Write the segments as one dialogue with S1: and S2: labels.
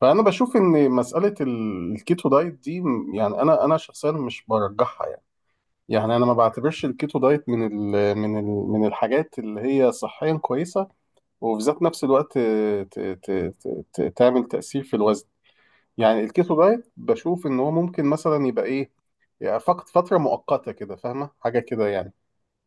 S1: فانا بشوف ان مساله الكيتو دايت دي يعني انا شخصيا مش برجحها يعني. يعني انا ما بعتبرش الكيتو دايت من الحاجات اللي هي صحيا كويسه، وفي ذات نفس الوقت ت ت ت ت تعمل تاثير في الوزن. يعني الكيتو دايت بشوف ان هو ممكن مثلا يبقى ايه، يعني فقط فتره مؤقته كده، فاهمه حاجه كده يعني.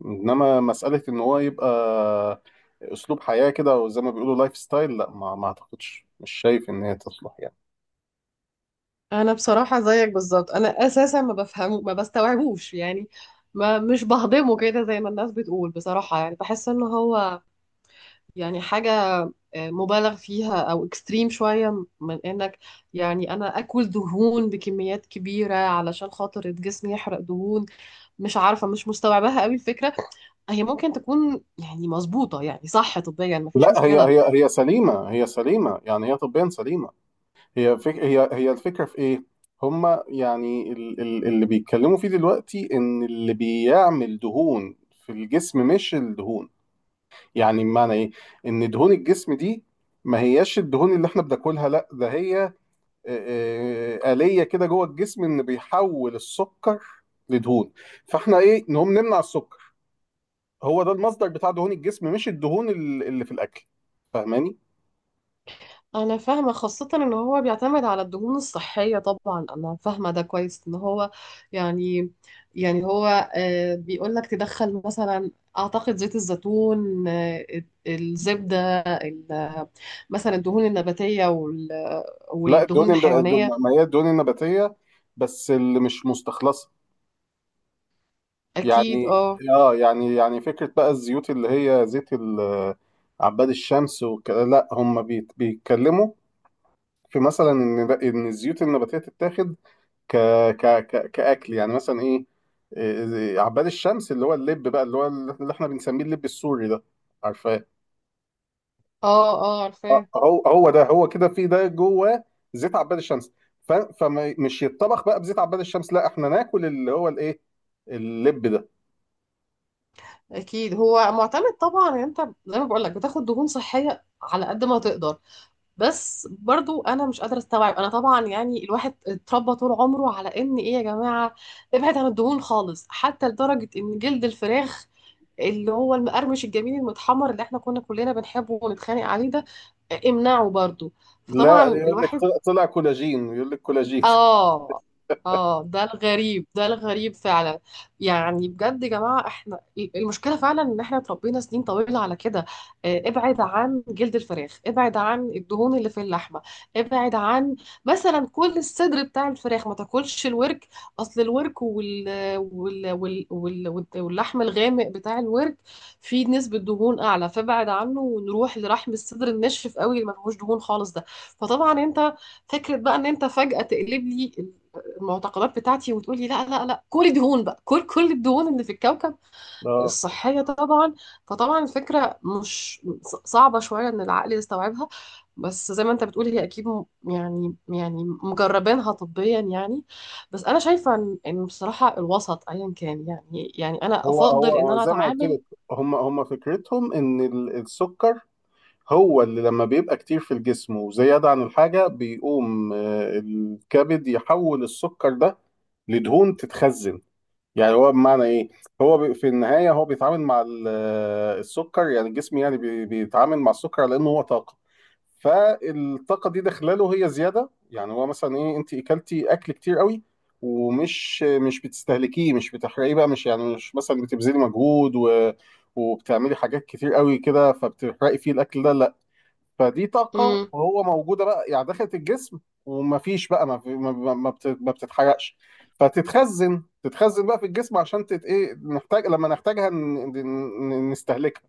S1: انما مساله ان هو يبقى اسلوب حياه كده، او زي ما بيقولوا لايف ستايل، لا ما اعتقدش، مش شايف ان هي تصلح يعني.
S2: انا بصراحه زيك بالظبط، انا اساسا ما بفهمه، ما بستوعبوش يعني. ما مش بهضمه كده زي ما الناس بتقول، بصراحه يعني بحس ان هو يعني حاجه مبالغ فيها او اكستريم شويه، من انك يعني انا اكل دهون بكميات كبيره علشان خاطر جسمي يحرق دهون. مش عارفه، مش مستوعباها قوي الفكره. هي ممكن تكون يعني مظبوطه، يعني صح طبيا، ما فيش
S1: لا، هي
S2: مشكله.
S1: هي هي سليمة، هي سليمة، يعني هي طبيا سليمة. هي فك هي هي الفكرة في ايه؟ هما يعني اللي بيتكلموا فيه دلوقتي ان اللي بيعمل دهون في الجسم مش الدهون. يعني بمعنى ايه؟ ان دهون الجسم دي ما هياش الدهون اللي احنا بناكلها، لا ده هي آلية كده جوه الجسم، ان بيحول السكر لدهون. فاحنا ايه، نقوم نمنع السكر. هو ده المصدر بتاع دهون الجسم، مش الدهون اللي في الاكل. فاهماني؟
S2: انا فاهمه، خاصه ان هو بيعتمد على الدهون الصحيه، طبعا انا فاهمه ده كويس، ان هو يعني يعني هو بيقول لك تدخل مثلا، اعتقد زيت الزيتون، الزبده، مثلا الدهون النباتيه
S1: لا
S2: والدهون
S1: الدهون
S2: الحيوانيه.
S1: ما هي الدهون النباتية، بس اللي مش مستخلصة.
S2: اكيد،
S1: يعني
S2: اه،
S1: اه، يعني فكرة بقى الزيوت اللي هي زيت عباد الشمس وكده، لا هم بيتكلموا في مثلا ان ان الزيوت النباتية تتاخد ك ك ك كأكل، يعني مثلا ايه، إيه، عباد الشمس اللي هو اللب بقى، اللي هو اللي احنا بنسميه اللب السوري ده، عارفة؟
S2: اه، اه، عارفاه.
S1: هو ده، هو كده في ده جوه زيت عباد الشمس. فمش يتطبخ بقى بزيت عباد الشمس، لا احنا ناكل اللي هو الايه، اللب ده.
S2: اكيد هو معتمد طبعا، انت زي ما بقول لك، بتاخد دهون صحيه على قد ما تقدر. بس برضو انا مش قادره استوعب، انا طبعا يعني الواحد اتربى طول عمره على ان ايه يا جماعه، ابعد عن الدهون خالص، حتى لدرجه ان جلد الفراخ، اللي هو المقرمش الجميل المتحمر اللي احنا كنا كلنا بنحبه ونتخانق عليه ده، امنعه برضو. فطبعا
S1: لا، يقول لك
S2: الواحد،
S1: طلع كولاجين، يقول لك كولاجين.
S2: اه، اه، ده الغريب، ده الغريب فعلا. يعني بجد يا جماعة، احنا المشكلة فعلا ان احنا اتربينا سنين طويلة على كده، ابعد عن جلد الفراخ، ابعد عن الدهون اللي في اللحمة، ابعد عن مثلا كل الصدر بتاع الفراخ، ما تاكلش الورك. اصل الورك واللحم الغامق بتاع الورك فيه نسبة دهون اعلى، فابعد عنه ونروح لرحم الصدر الناشف قوي اللي ما فيهوش دهون خالص ده. فطبعا انت، فكرة بقى ان انت فجأة تقلب لي المعتقدات بتاعتي وتقولي لا، لا، لا، كل دهون بقى، كل الدهون اللي في الكوكب
S1: اه،
S2: الصحية طبعا. فطبعا الفكرة مش صعبة شوية ان العقل يستوعبها، بس زي ما انت بتقول، هي اكيد يعني يعني مجربينها طبيا يعني. بس انا شايفة إن بصراحة الوسط ايا كان، يعني يعني انا
S1: هو هو
S2: افضل ان
S1: هو
S2: انا
S1: زي ما قلت
S2: اتعامل.
S1: لك، هم فكرتهم ان السكر هو اللي لما بيبقى كتير في الجسم وزيادة عن الحاجة بيقوم الكبد يحول السكر ده لدهون تتخزن. يعني هو بمعنى ايه، هو في النهايه هو بيتعامل مع السكر، يعني الجسم يعني بيتعامل مع السكر على انه هو طاقه. فالطاقه دي داخله له هي زياده، يعني هو مثلا ايه، انت اكلتي اكل كتير قوي ومش مش بتستهلكيه، مش بتحرقيه بقى، مش يعني مش مثلا بتبذلي مجهود وبتعملي حاجات كتير قوي كده فبتحرقي فيه الاكل ده، لا. فدي طاقة
S2: امم.
S1: وهو موجودة بقى، يعني دخلت الجسم، ومفيش بقى ما, في ما, ما ما بت- ما بتتحرقش. فتتخزن بقى في الجسم، عشان ايه، نحتاج لما نحتاجها نستهلكها.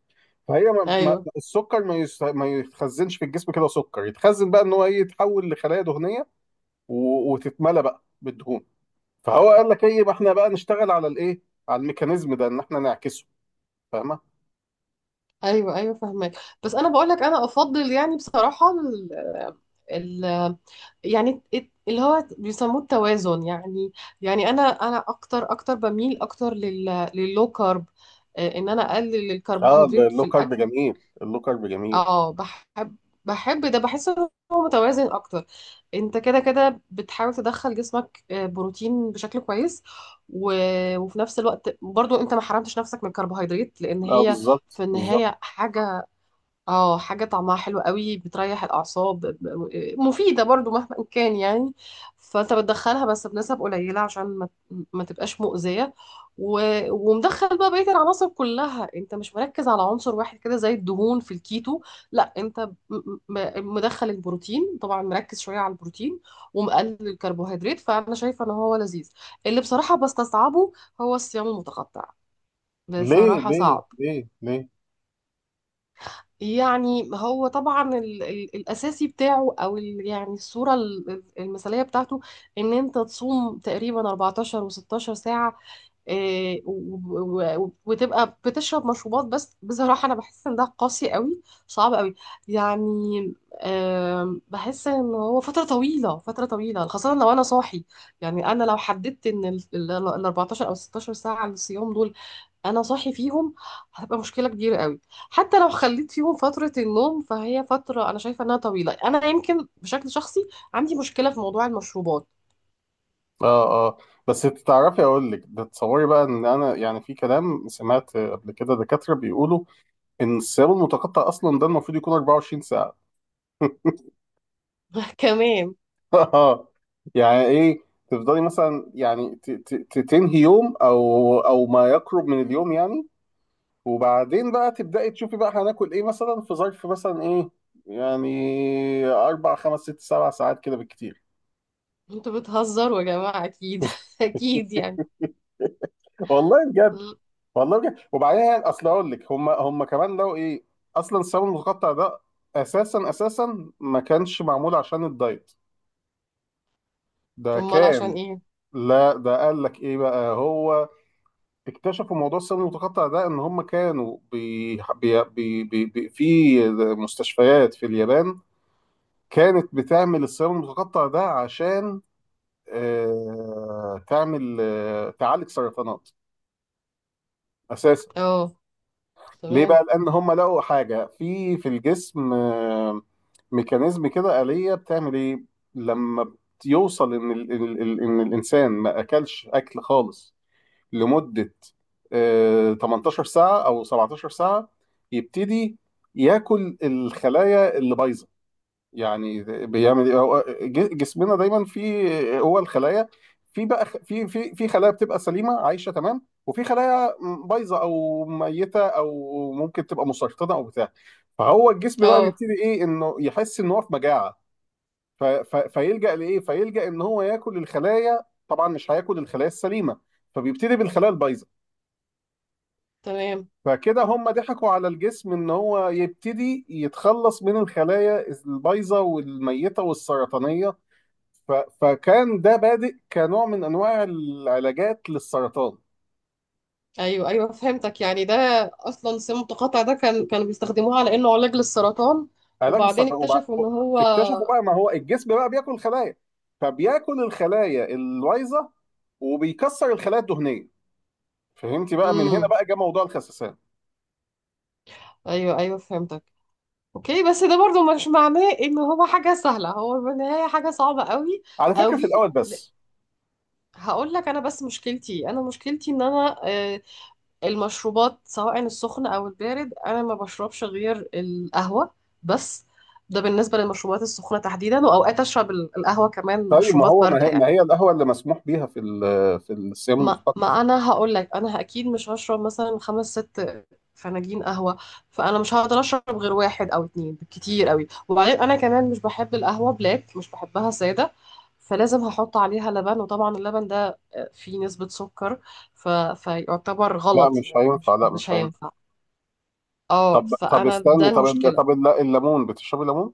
S1: فهي ما
S2: ايوه،
S1: السكر ما يتخزنش في الجسم كده، سكر يتخزن بقى ان هو ايه، يتحول لخلايا دهنية وتتملى بقى بالدهون. فهو قال لك ايه، ما احنا بقى نشتغل على الايه، على الميكانيزم ده ان احنا نعكسه. فاهمة؟
S2: ايوه، ايوه، فاهمك. بس انا بقول لك، انا افضل يعني بصراحة ال... يعني اللي هو بيسموه التوازن يعني. يعني انا اكتر اكتر بميل اكتر لللو كارب، ان انا اقلل
S1: اه،
S2: الكربوهيدرات في
S1: اللو كارب
S2: الاكل.
S1: جميل، اللو كارب جميل.
S2: اه بحب، بحب ده، بحس ان هو متوازن اكتر. انت كده كده بتحاول تدخل جسمك بروتين بشكل كويس، و... وفي نفس الوقت برضو انت ما حرمتش نفسك من الكربوهيدرات، لان
S1: اه،
S2: هي
S1: بالظبط
S2: في
S1: بالظبط.
S2: النهاية حاجة، اه حاجة طعمها حلو قوي بتريح الأعصاب، مفيدة برضو مهما كان يعني. فأنت بتدخلها بس بنسب قليلة عشان ما تبقاش مؤذية، و... ومدخل بقى بقية العناصر كلها. أنت مش مركز على عنصر واحد كده زي الدهون في الكيتو، لا أنت مدخل البروتين، طبعا مركز شوية على البروتين ومقلل الكربوهيدرات، فأنا شايفة إن هو لذيذ. اللي بصراحة بستصعبه هو الصيام المتقطع،
S1: ليه
S2: بصراحة
S1: ليه
S2: صعب.
S1: ليه ليه؟
S2: يعني هو طبعا ال ال الاساسي بتاعه، او ال يعني الصوره المثاليه بتاعته ان انت تصوم تقريبا 14 و16 ساعه، وتبقى بتشرب مشروبات، بس بصراحه انا بحس ان ده قاسي قوي، صعب قوي يعني. بحس ان هو فتره طويله، فتره طويله، خاصه لو انا صاحي. يعني انا لو حددت ان ال 14 او 16 ساعه الصيام دول انا صاحي فيهم، هتبقى مشكله كبيره قوي. حتى لو خليت فيهم فتره النوم، فهي فتره انا شايفه انها طويله. انا يمكن بشكل شخصي عندي مشكله في موضوع المشروبات.
S1: اه اه. بس تعرفي اقول لك تتصوري بقى ان انا يعني، في كلام سمعت قبل كده دكاتره بيقولوا ان الصيام المتقطع اصلا ده المفروض يكون 24 ساعه.
S2: كمان.
S1: اه. يعني ايه، تفضلي مثلا يعني تنهي يوم، او ما يقرب من اليوم يعني، وبعدين بقى تبداي تشوفي بقى هناكل ايه، مثلا في ظرف مثلا ايه، يعني 4 5 6 7 ساعات كده بالكتير.
S2: انتوا بتهزروا يا جماعه، اكيد اكيد يعني.
S1: والله والله بجد. وبعدين يعني اصل اقول لك، هم كمان لو ايه، اصلا الصابون المتقطع ده اساسا ما كانش معمول عشان الدايت، ده
S2: امال عشان
S1: كان،
S2: ايه؟
S1: لا ده قال لك ايه بقى هو، اكتشفوا موضوع الصابون المتقطع ده ان هم كانوا بي بي بي بي بي في مستشفيات في اليابان كانت بتعمل الصابون المتقطع ده عشان آه تعمل آه تعالج سرطانات اساسا.
S2: اه
S1: ليه
S2: تمام،
S1: بقى؟ لان هم لقوا حاجه في الجسم، ميكانيزم كده آلية بتعمل ايه لما يوصل ان ال ال ال ان الانسان ما اكلش اكل خالص لمده 18 ساعه او 17 ساعه، يبتدي ياكل الخلايا اللي بايظه. يعني بيعمل ايه، هو جسمنا دايما فيه هو الخلايا، في بقى في خلايا بتبقى سليمه عايشه تمام، وفي خلايا بايظه او ميته او ممكن تبقى مسرطنه او بتاع. فهو الجسم بقى
S2: اه
S1: بيبتدي ايه انه يحس ان هو في مجاعه، فيلجأ لايه، فيلجأ ان هو ياكل الخلايا. طبعا مش هياكل الخلايا السليمه، فبيبتدي بالخلايا البايظه،
S2: تمام.
S1: فكده هم ضحكوا على الجسم ان هو يبتدي يتخلص من الخلايا البايظه والميته والسرطانيه. فكان ده بادئ كنوع من انواع العلاجات للسرطان.
S2: ايوه، ايوه، فهمتك. يعني ده اصلا سم متقاطع ده كانوا بيستخدموه على انه علاج للسرطان.
S1: علاج
S2: وبعدين
S1: السرطان
S2: اكتشفوا ان هو.
S1: اكتشفوا بقى ما هو الجسم بقى بياكل خلايا، فبياكل الخلايا الوايظه وبيكسر الخلايا الدهنيه. فهمتي؟ بقى من هنا
S2: امم.
S1: بقى جه موضوع الخسسان
S2: ايوه، ايوه، فهمتك. اوكي، بس ده برضو مش معناه ان هو حاجة سهلة، هو بالنهاية حاجة صعبة قوي
S1: على فكره، في
S2: قوي.
S1: الاول بس.
S2: هقول لك انا، بس مشكلتي، انا مشكلتي ان انا المشروبات سواء السخن او البارد انا ما بشربش غير القهوة بس. ده بالنسبة للمشروبات السخنة تحديدا، واوقات اشرب القهوة كمان
S1: طيب ما
S2: مشروبات
S1: هو ما
S2: باردة
S1: هي
S2: يعني.
S1: ما هي القهوه اللي مسموح بيها في في الصيام
S2: ما
S1: المتقطع؟
S2: ما انا هقول لك، انا اكيد مش هشرب مثلا خمس ست فناجين قهوه. فانا مش هقدر اشرب غير واحد او اتنين بالكتير قوي، وبعدين انا كمان مش بحب القهوه بلاك، مش بحبها ساده، فلازم هحط عليها لبن. وطبعا اللبن ده فيه نسبه سكر، ف... فيعتبر
S1: لا
S2: غلط
S1: مش
S2: يعني،
S1: هينفع،
S2: مش
S1: لا
S2: مش
S1: مش هينفع.
S2: هينفع. اه،
S1: طب
S2: فانا ده
S1: استني، طب
S2: المشكله.
S1: الليمون، بتشربي ليمون؟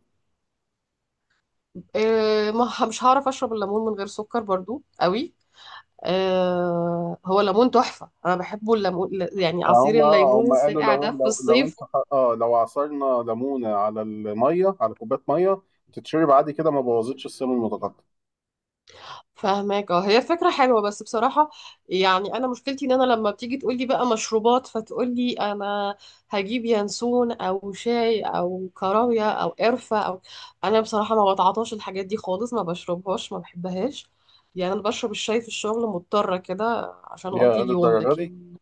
S2: إيه، ما مش هعرف اشرب الليمون من غير سكر برضو قوي. هو ليمون تحفة، أنا بحبه الليمون، يعني عصير
S1: هم اه
S2: الليمون
S1: هم قالوا
S2: الساقع
S1: لو
S2: ده في
S1: لو لو انت
S2: الصيف.
S1: اه لو عصرنا ليمونه على الميه، على كوبايه ميه، تتشرب عادي كده، ما بوظتش السم المتقطع.
S2: فهماك. اه، هي فكرة حلوة، بس بصراحة يعني أنا مشكلتي إن أنا لما بتيجي تقولي بقى مشروبات، فتقولي أنا هجيب ينسون أو شاي أو كراوية أو قرفة أو، أنا بصراحة ما بتعاطاش الحاجات دي خالص، ما بشربهاش، ما بحبهاش. يعني أنا بشرب الشاي في الشغل مضطرة كده عشان أقضي
S1: يا
S2: اليوم،
S1: للدرجه دي
S2: لكن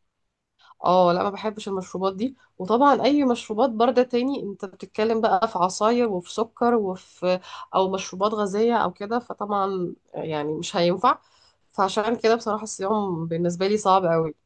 S2: اه لا، ما بحبش المشروبات دي. وطبعا اي مشروبات بارده تاني انت بتتكلم بقى في عصاير وفي سكر وفي، او مشروبات غازيه او كده، فطبعا يعني مش هينفع، فعشان كده بصراحه الصيام بالنسبه لي صعب قوي.